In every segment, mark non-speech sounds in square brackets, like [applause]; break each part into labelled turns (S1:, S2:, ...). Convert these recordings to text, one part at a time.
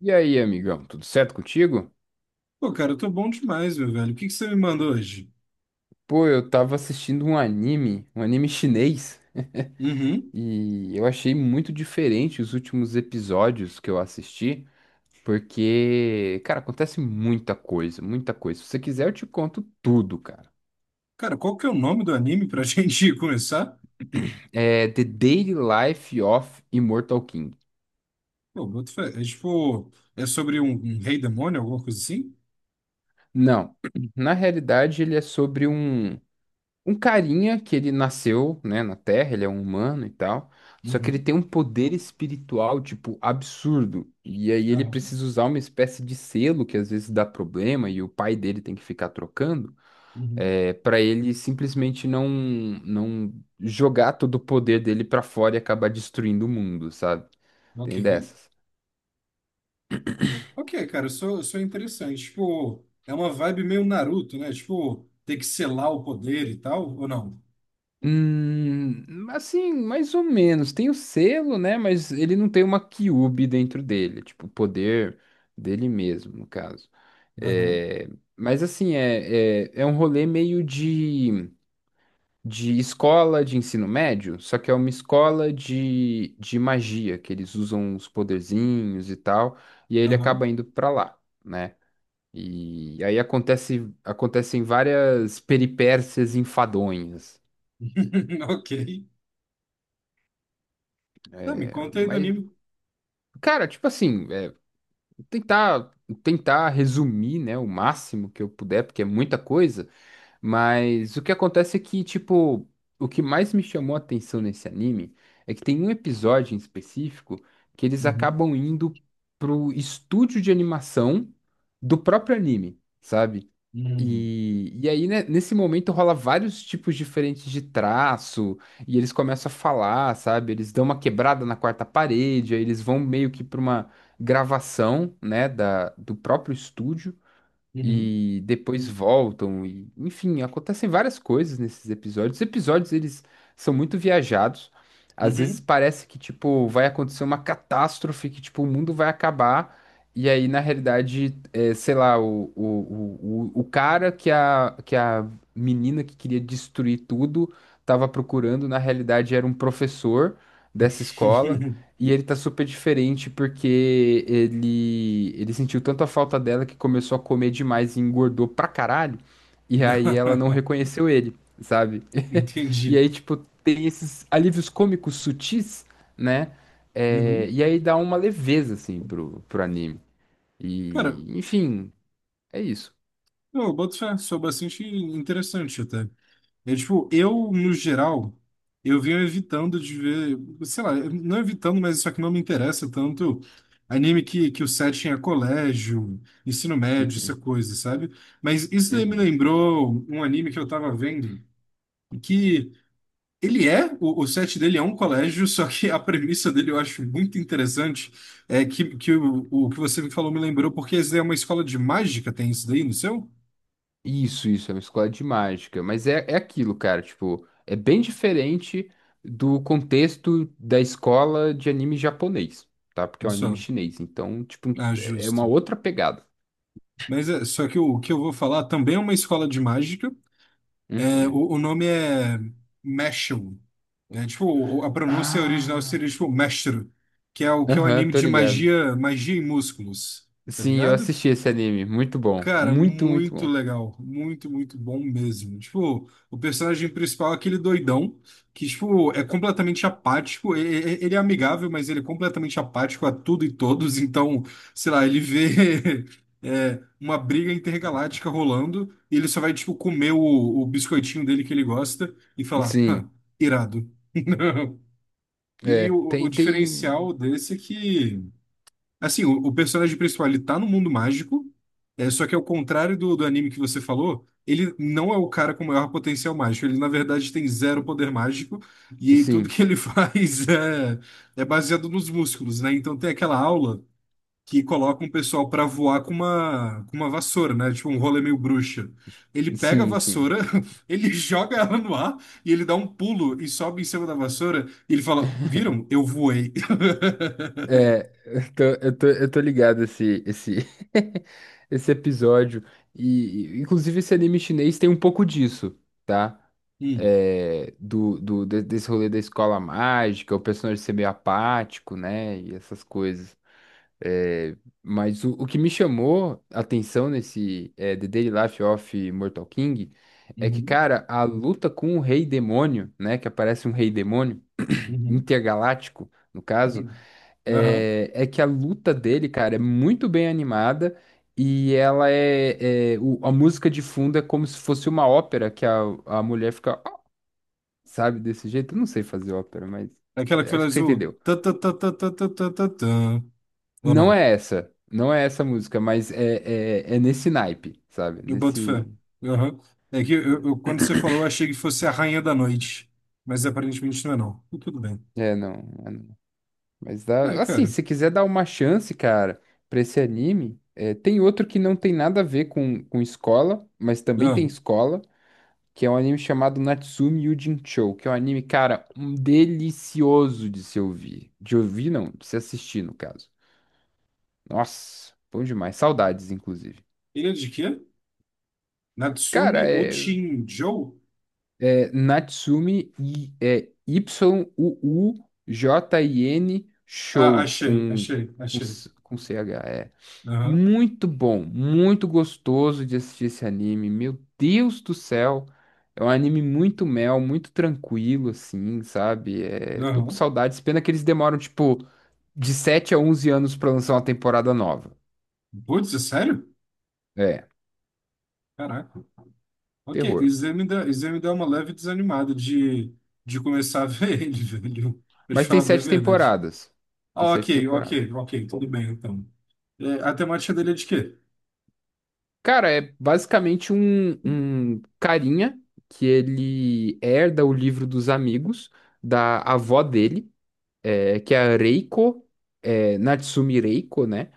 S1: E aí, amigão, tudo certo contigo?
S2: Pô, cara, eu tô bom demais, meu velho. O que que você me manda hoje?
S1: Pô, eu tava assistindo um anime chinês,
S2: Uhum.
S1: e eu achei muito diferente os últimos episódios que eu assisti, porque, cara, acontece muita coisa, muita coisa. Se você quiser, eu te conto tudo, cara.
S2: Cara, qual que é o nome do anime pra [laughs] gente começar?
S1: É The Daily Life of Immortal King.
S2: Pô, boto fé. É tipo, é sobre um rei demônio, alguma coisa assim?
S1: Não, [clears throat] na realidade ele é sobre um carinha que ele nasceu, né, na Terra, ele é um humano e tal, só que ele
S2: Uhum.
S1: tem um poder espiritual, tipo, absurdo. E aí ele
S2: Aham.
S1: precisa usar uma espécie de selo que às vezes dá problema e o pai dele tem que ficar trocando,
S2: Uhum.
S1: para ele simplesmente não jogar todo o poder dele pra fora e acabar destruindo o mundo, sabe?
S2: Ok.
S1: Tem dessas.
S2: Ok, cara, eu sou interessante. Tipo, é uma vibe meio Naruto, né? Tipo, ter que selar o poder e tal, ou não?
S1: Assim, mais ou menos. Tem o selo, né? Mas ele não tem uma Kyuubi dentro dele, tipo, o poder dele mesmo, no caso.
S2: Aham.
S1: É, mas assim, é um rolê meio de, escola de ensino médio, só que é uma escola de magia, que eles usam os poderzinhos e tal, e aí ele
S2: Aham.
S1: acaba indo pra lá, né? E aí acontecem várias peripécias enfadonhas.
S2: [laughs] Ok. Tá, me
S1: É,
S2: conta aí do
S1: mas
S2: anime.
S1: Cara, tipo assim, tentar tentar resumir, né, o máximo que eu puder, porque é muita coisa. Mas o que acontece é que, tipo, o que mais me chamou a atenção nesse anime é que tem um episódio em específico que eles
S2: Uhum.
S1: acabam indo pro estúdio de animação do próprio anime, sabe?
S2: Uhum.
S1: E aí, né, nesse momento, rola vários tipos diferentes de traço, e eles começam a falar, sabe? Eles dão uma quebrada na quarta parede, aí eles vão meio que pra uma gravação, né, do próprio estúdio
S2: Uhum.
S1: e depois voltam e enfim, acontecem várias coisas nesses episódios. Os episódios eles são muito viajados. Às vezes parece que tipo vai acontecer uma catástrofe, que tipo o mundo vai acabar e aí na realidade, sei lá, o cara que a menina que queria destruir tudo estava procurando, na realidade era um professor dessa escola.
S2: Uhum.
S1: E ele tá super diferente porque ele sentiu tanto a falta dela que começou a comer demais e engordou pra caralho. E aí ela não
S2: [laughs]
S1: reconheceu ele, sabe? [laughs] E
S2: Entendi.
S1: aí, tipo, tem esses alívios cômicos sutis, né? É,
S2: Uhum.
S1: e aí dá uma leveza, assim, pro anime.
S2: Cara,
S1: E, enfim, é isso.
S2: eu boto fé, sou bastante interessante até. É tipo, eu, no geral, eu venho evitando de ver, sei lá, não evitando, mas isso aqui não me interessa tanto anime que o setting é colégio, ensino médio, essa
S1: Uhum,
S2: coisa, sabe? Mas isso daí me
S1: uhum.
S2: lembrou um anime que eu tava vendo, que ele é, o set dele é um colégio, só que a premissa dele eu acho muito interessante. É que o que você me falou me lembrou, porque isso daí é uma escola de mágica, tem isso daí no seu?
S1: Isso, é uma escola de mágica. Mas é aquilo, cara, tipo, é bem diferente do contexto da escola de anime japonês, tá? Porque
S2: No
S1: é um anime
S2: seu?
S1: chinês. Então, tipo,
S2: Ah,
S1: é uma
S2: justo.
S1: outra pegada.
S2: Mas é, só que o, que eu vou falar também é uma escola de mágica. É,
S1: Uhum.
S2: o nome é Meshul. É, tipo, a pronúncia original
S1: Ah,
S2: seria tipo Meshru, que é o
S1: aham,
S2: anime
S1: tô
S2: de
S1: ligado.
S2: magia, magia e músculos, tá
S1: Sim, eu
S2: ligado?
S1: assisti esse anime. Muito bom.
S2: Cara,
S1: Muito, muito
S2: muito
S1: bom.
S2: legal. Muito, muito bom mesmo. Tipo, o personagem principal é aquele doidão que, tipo, é completamente apático. Ele é amigável, mas ele é completamente apático a tudo e todos. Então, sei lá, ele vê [laughs] é, uma briga intergaláctica rolando e ele só vai, tipo, comer o biscoitinho dele que ele gosta e falar, "Hã,
S1: Sim,
S2: irado." [laughs] E
S1: é.
S2: o
S1: Tem, tem.
S2: diferencial desse é que. Assim, o personagem principal, ele tá no mundo mágico, é, só que ao contrário do anime que você falou, ele não é o cara com maior potencial mágico. Ele, na verdade, tem zero poder mágico e tudo que
S1: Sim,
S2: ele [laughs] faz é baseado nos músculos, né? Então tem aquela aula que coloca um pessoal pra voar com com uma vassoura, né? Tipo um rolê meio bruxa. Ele pega a
S1: sim, sim.
S2: vassoura, [laughs] ele joga ela no ar e ele dá um pulo e sobe em cima da vassoura e ele fala, viram? Eu voei. [laughs]
S1: É, eu tô ligado [laughs] esse episódio. E, inclusive, esse anime chinês tem um pouco disso, tá?
S2: Hum.
S1: É, desse rolê da escola mágica, o personagem ser meio apático, né? E essas coisas. É, mas o que me chamou a atenção nesse The Daily Life of Mortal King é que,
S2: Uhum.
S1: cara, a luta com o rei demônio, né? Que aparece um rei demônio [clears throat]
S2: Uhum.
S1: intergaláctico, no caso,
S2: [laughs] Aham.
S1: é que a luta dele, cara, é muito bem animada e ela a música de fundo é como se fosse uma ópera que a mulher fica, "Ah", sabe, desse jeito. Eu não sei fazer ópera, mas
S2: Aquela que fala
S1: acho que você
S2: azul.
S1: entendeu.
S2: Tã, tã, tã, tã, tã, tã, tã, tã, tã. Ou
S1: Não
S2: não?
S1: é essa, não é essa música, mas é nesse naipe, sabe?
S2: Eu boto
S1: Nesse.
S2: fé. Aham. É que quando você falou, eu achei que fosse a Rainha da Noite. Mas aparentemente não é, não. E tudo bem.
S1: É, não. É, não. Mas
S2: É,
S1: dá, assim,
S2: cara.
S1: se quiser dar uma chance, cara, pra esse anime, tem outro que não tem nada a ver com, escola, mas também
S2: Ah,
S1: tem escola, que é um anime chamado Natsume Yuujinchou, que é um anime, cara, um delicioso de se ouvir. De ouvir, não, de se assistir, no caso. Nossa, bom demais. Saudades, inclusive.
S2: ele é de quê? Natsumi
S1: Cara, é,
S2: Uchinjo?
S1: é Natsume e é Yuujin
S2: Ah,
S1: Show
S2: achei,
S1: com,
S2: achei,
S1: com,
S2: achei.
S1: C- com CH.
S2: Aham,
S1: Muito bom, muito gostoso de assistir esse anime. Meu Deus do céu. É um anime muito mel, muito tranquilo, assim, sabe? É, tô com
S2: aham.
S1: saudades. Pena que eles demoram, tipo, de 7 a 11 anos pra lançar uma temporada nova.
S2: Putz, é sério?
S1: É,
S2: Caraca. Ok,
S1: terror.
S2: isso aí me dá uma leve desanimada de começar a ver ele, [laughs] velho. Pra te
S1: Mas tem
S2: falar bem a
S1: sete
S2: verdade.
S1: temporadas. Tem
S2: Ah,
S1: sete
S2: ok,
S1: temporadas.
S2: ok, ok, tudo bem então. É, a temática dele é de quê?
S1: Cara, é basicamente um carinha que ele herda o livro dos amigos da avó dele. Que é a Reiko, Natsumi Reiko, né?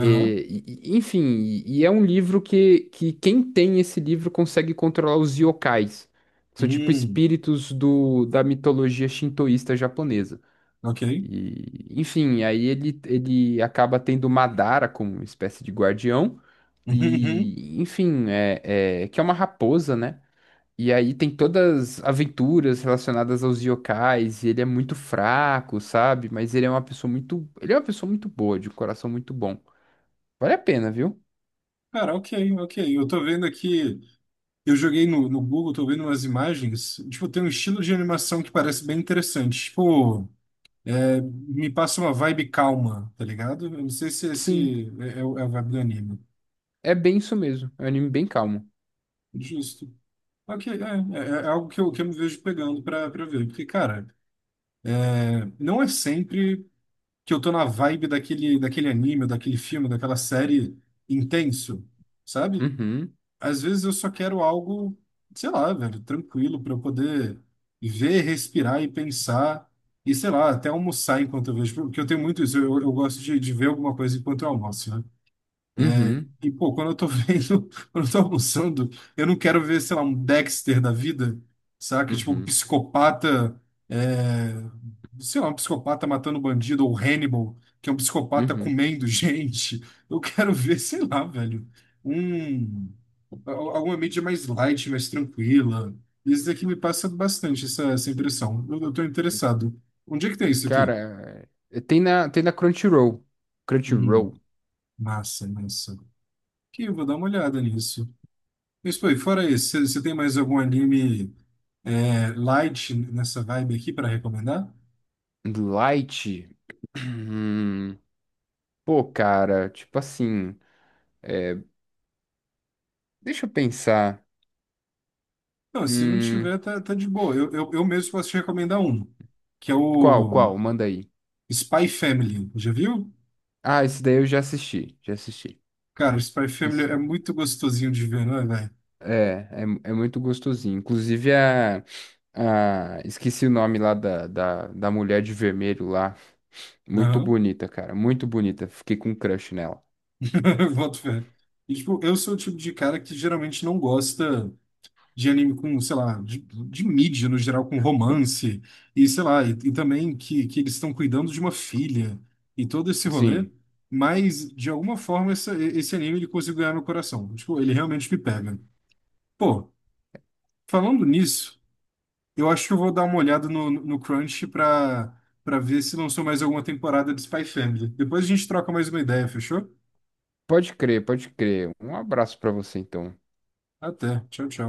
S2: Aham.
S1: e- enfim, e é um livro que quem tem esse livro consegue controlar os yokais. São tipo
S2: Hum,
S1: espíritos da mitologia shintoísta japonesa.
S2: ok.
S1: E, enfim, aí ele acaba tendo Madara como uma espécie de guardião.
S2: [laughs] Uhum.
S1: E, enfim, que é uma raposa, né? E aí tem todas as aventuras relacionadas aos yokais, e ele é muito fraco, sabe? Mas ele é uma pessoa muito boa, de um coração muito bom. Vale a pena, viu?
S2: Cara, ok, ok. Eu tô vendo aqui, eu joguei no Google, tô vendo umas imagens. Tipo, tem um estilo de animação que parece bem interessante. Tipo, é, me passa uma vibe calma, tá ligado? Eu não sei se
S1: Sim,
S2: esse é, é a vibe do anime.
S1: é bem isso mesmo. É um anime bem calmo.
S2: Justo. Ok, é, é algo que que eu me vejo pegando pra ver. Porque, cara, é, não é sempre que eu tô na vibe daquele anime, daquele filme, daquela série intenso, sabe?
S1: Uhum,
S2: Às vezes eu só quero algo, sei lá, velho, tranquilo para eu poder ver, respirar e pensar e sei lá, até almoçar enquanto eu vejo, porque eu tenho muito isso, eu gosto de ver alguma coisa enquanto eu almoço, né? É,
S1: uhum,
S2: e, pô, quando eu tô vendo, [laughs] quando eu tô almoçando, eu não quero ver, sei lá, um Dexter da vida, saca? Tipo, um
S1: uhum,
S2: psicopata, é, sei lá, um psicopata matando bandido, ou Hannibal, que é um psicopata
S1: uhum.
S2: comendo [laughs] gente. Eu quero ver, sei lá, velho, um, alguma mídia mais light, mais tranquila. Isso daqui me passa bastante, essa impressão. Eu tô interessado. Onde é que tem isso aqui?
S1: Cara, tem na Crunchyroll.
S2: Hum,
S1: Crunchyroll.
S2: massa, massa. Aqui, eu vou dar uma olhada nisso. Mas, pô, e fora isso, você tem mais algum anime é, light nessa vibe aqui para recomendar?
S1: Light. Hum, Pô, cara, tipo assim, é, deixa eu pensar.
S2: Não, se não
S1: Hum,
S2: tiver, tá, tá de boa. Eu mesmo posso te recomendar um, que é
S1: qual,
S2: o
S1: qual? Manda aí.
S2: Spy Family. Já viu?
S1: Ah, esse daí eu já assisti, já assisti.
S2: Cara, o Spy Family é
S1: Esse,
S2: muito gostosinho de ver, não é, velho?
S1: é, é muito gostosinho. Inclusive, esqueci o nome lá da mulher de vermelho lá. Muito
S2: Aham.
S1: bonita, cara, muito bonita. Fiquei com um crush nela.
S2: [laughs] Boto fé. E, tipo, eu sou o tipo de cara que geralmente não gosta, de anime com, sei lá, de mídia no geral, com romance, e sei lá, e também que eles estão cuidando de uma filha e todo esse rolê,
S1: Sim,
S2: mas de alguma forma esse anime ele conseguiu ganhar meu coração. Tipo, ele realmente me pega. Pô, falando nisso, eu acho que eu vou dar uma olhada no Crunch pra ver se lançou mais alguma temporada de Spy Family. Depois a gente troca mais uma ideia, fechou?
S1: pode crer, pode crer. Um abraço pra você, então.
S2: Até. Tchau, tchau.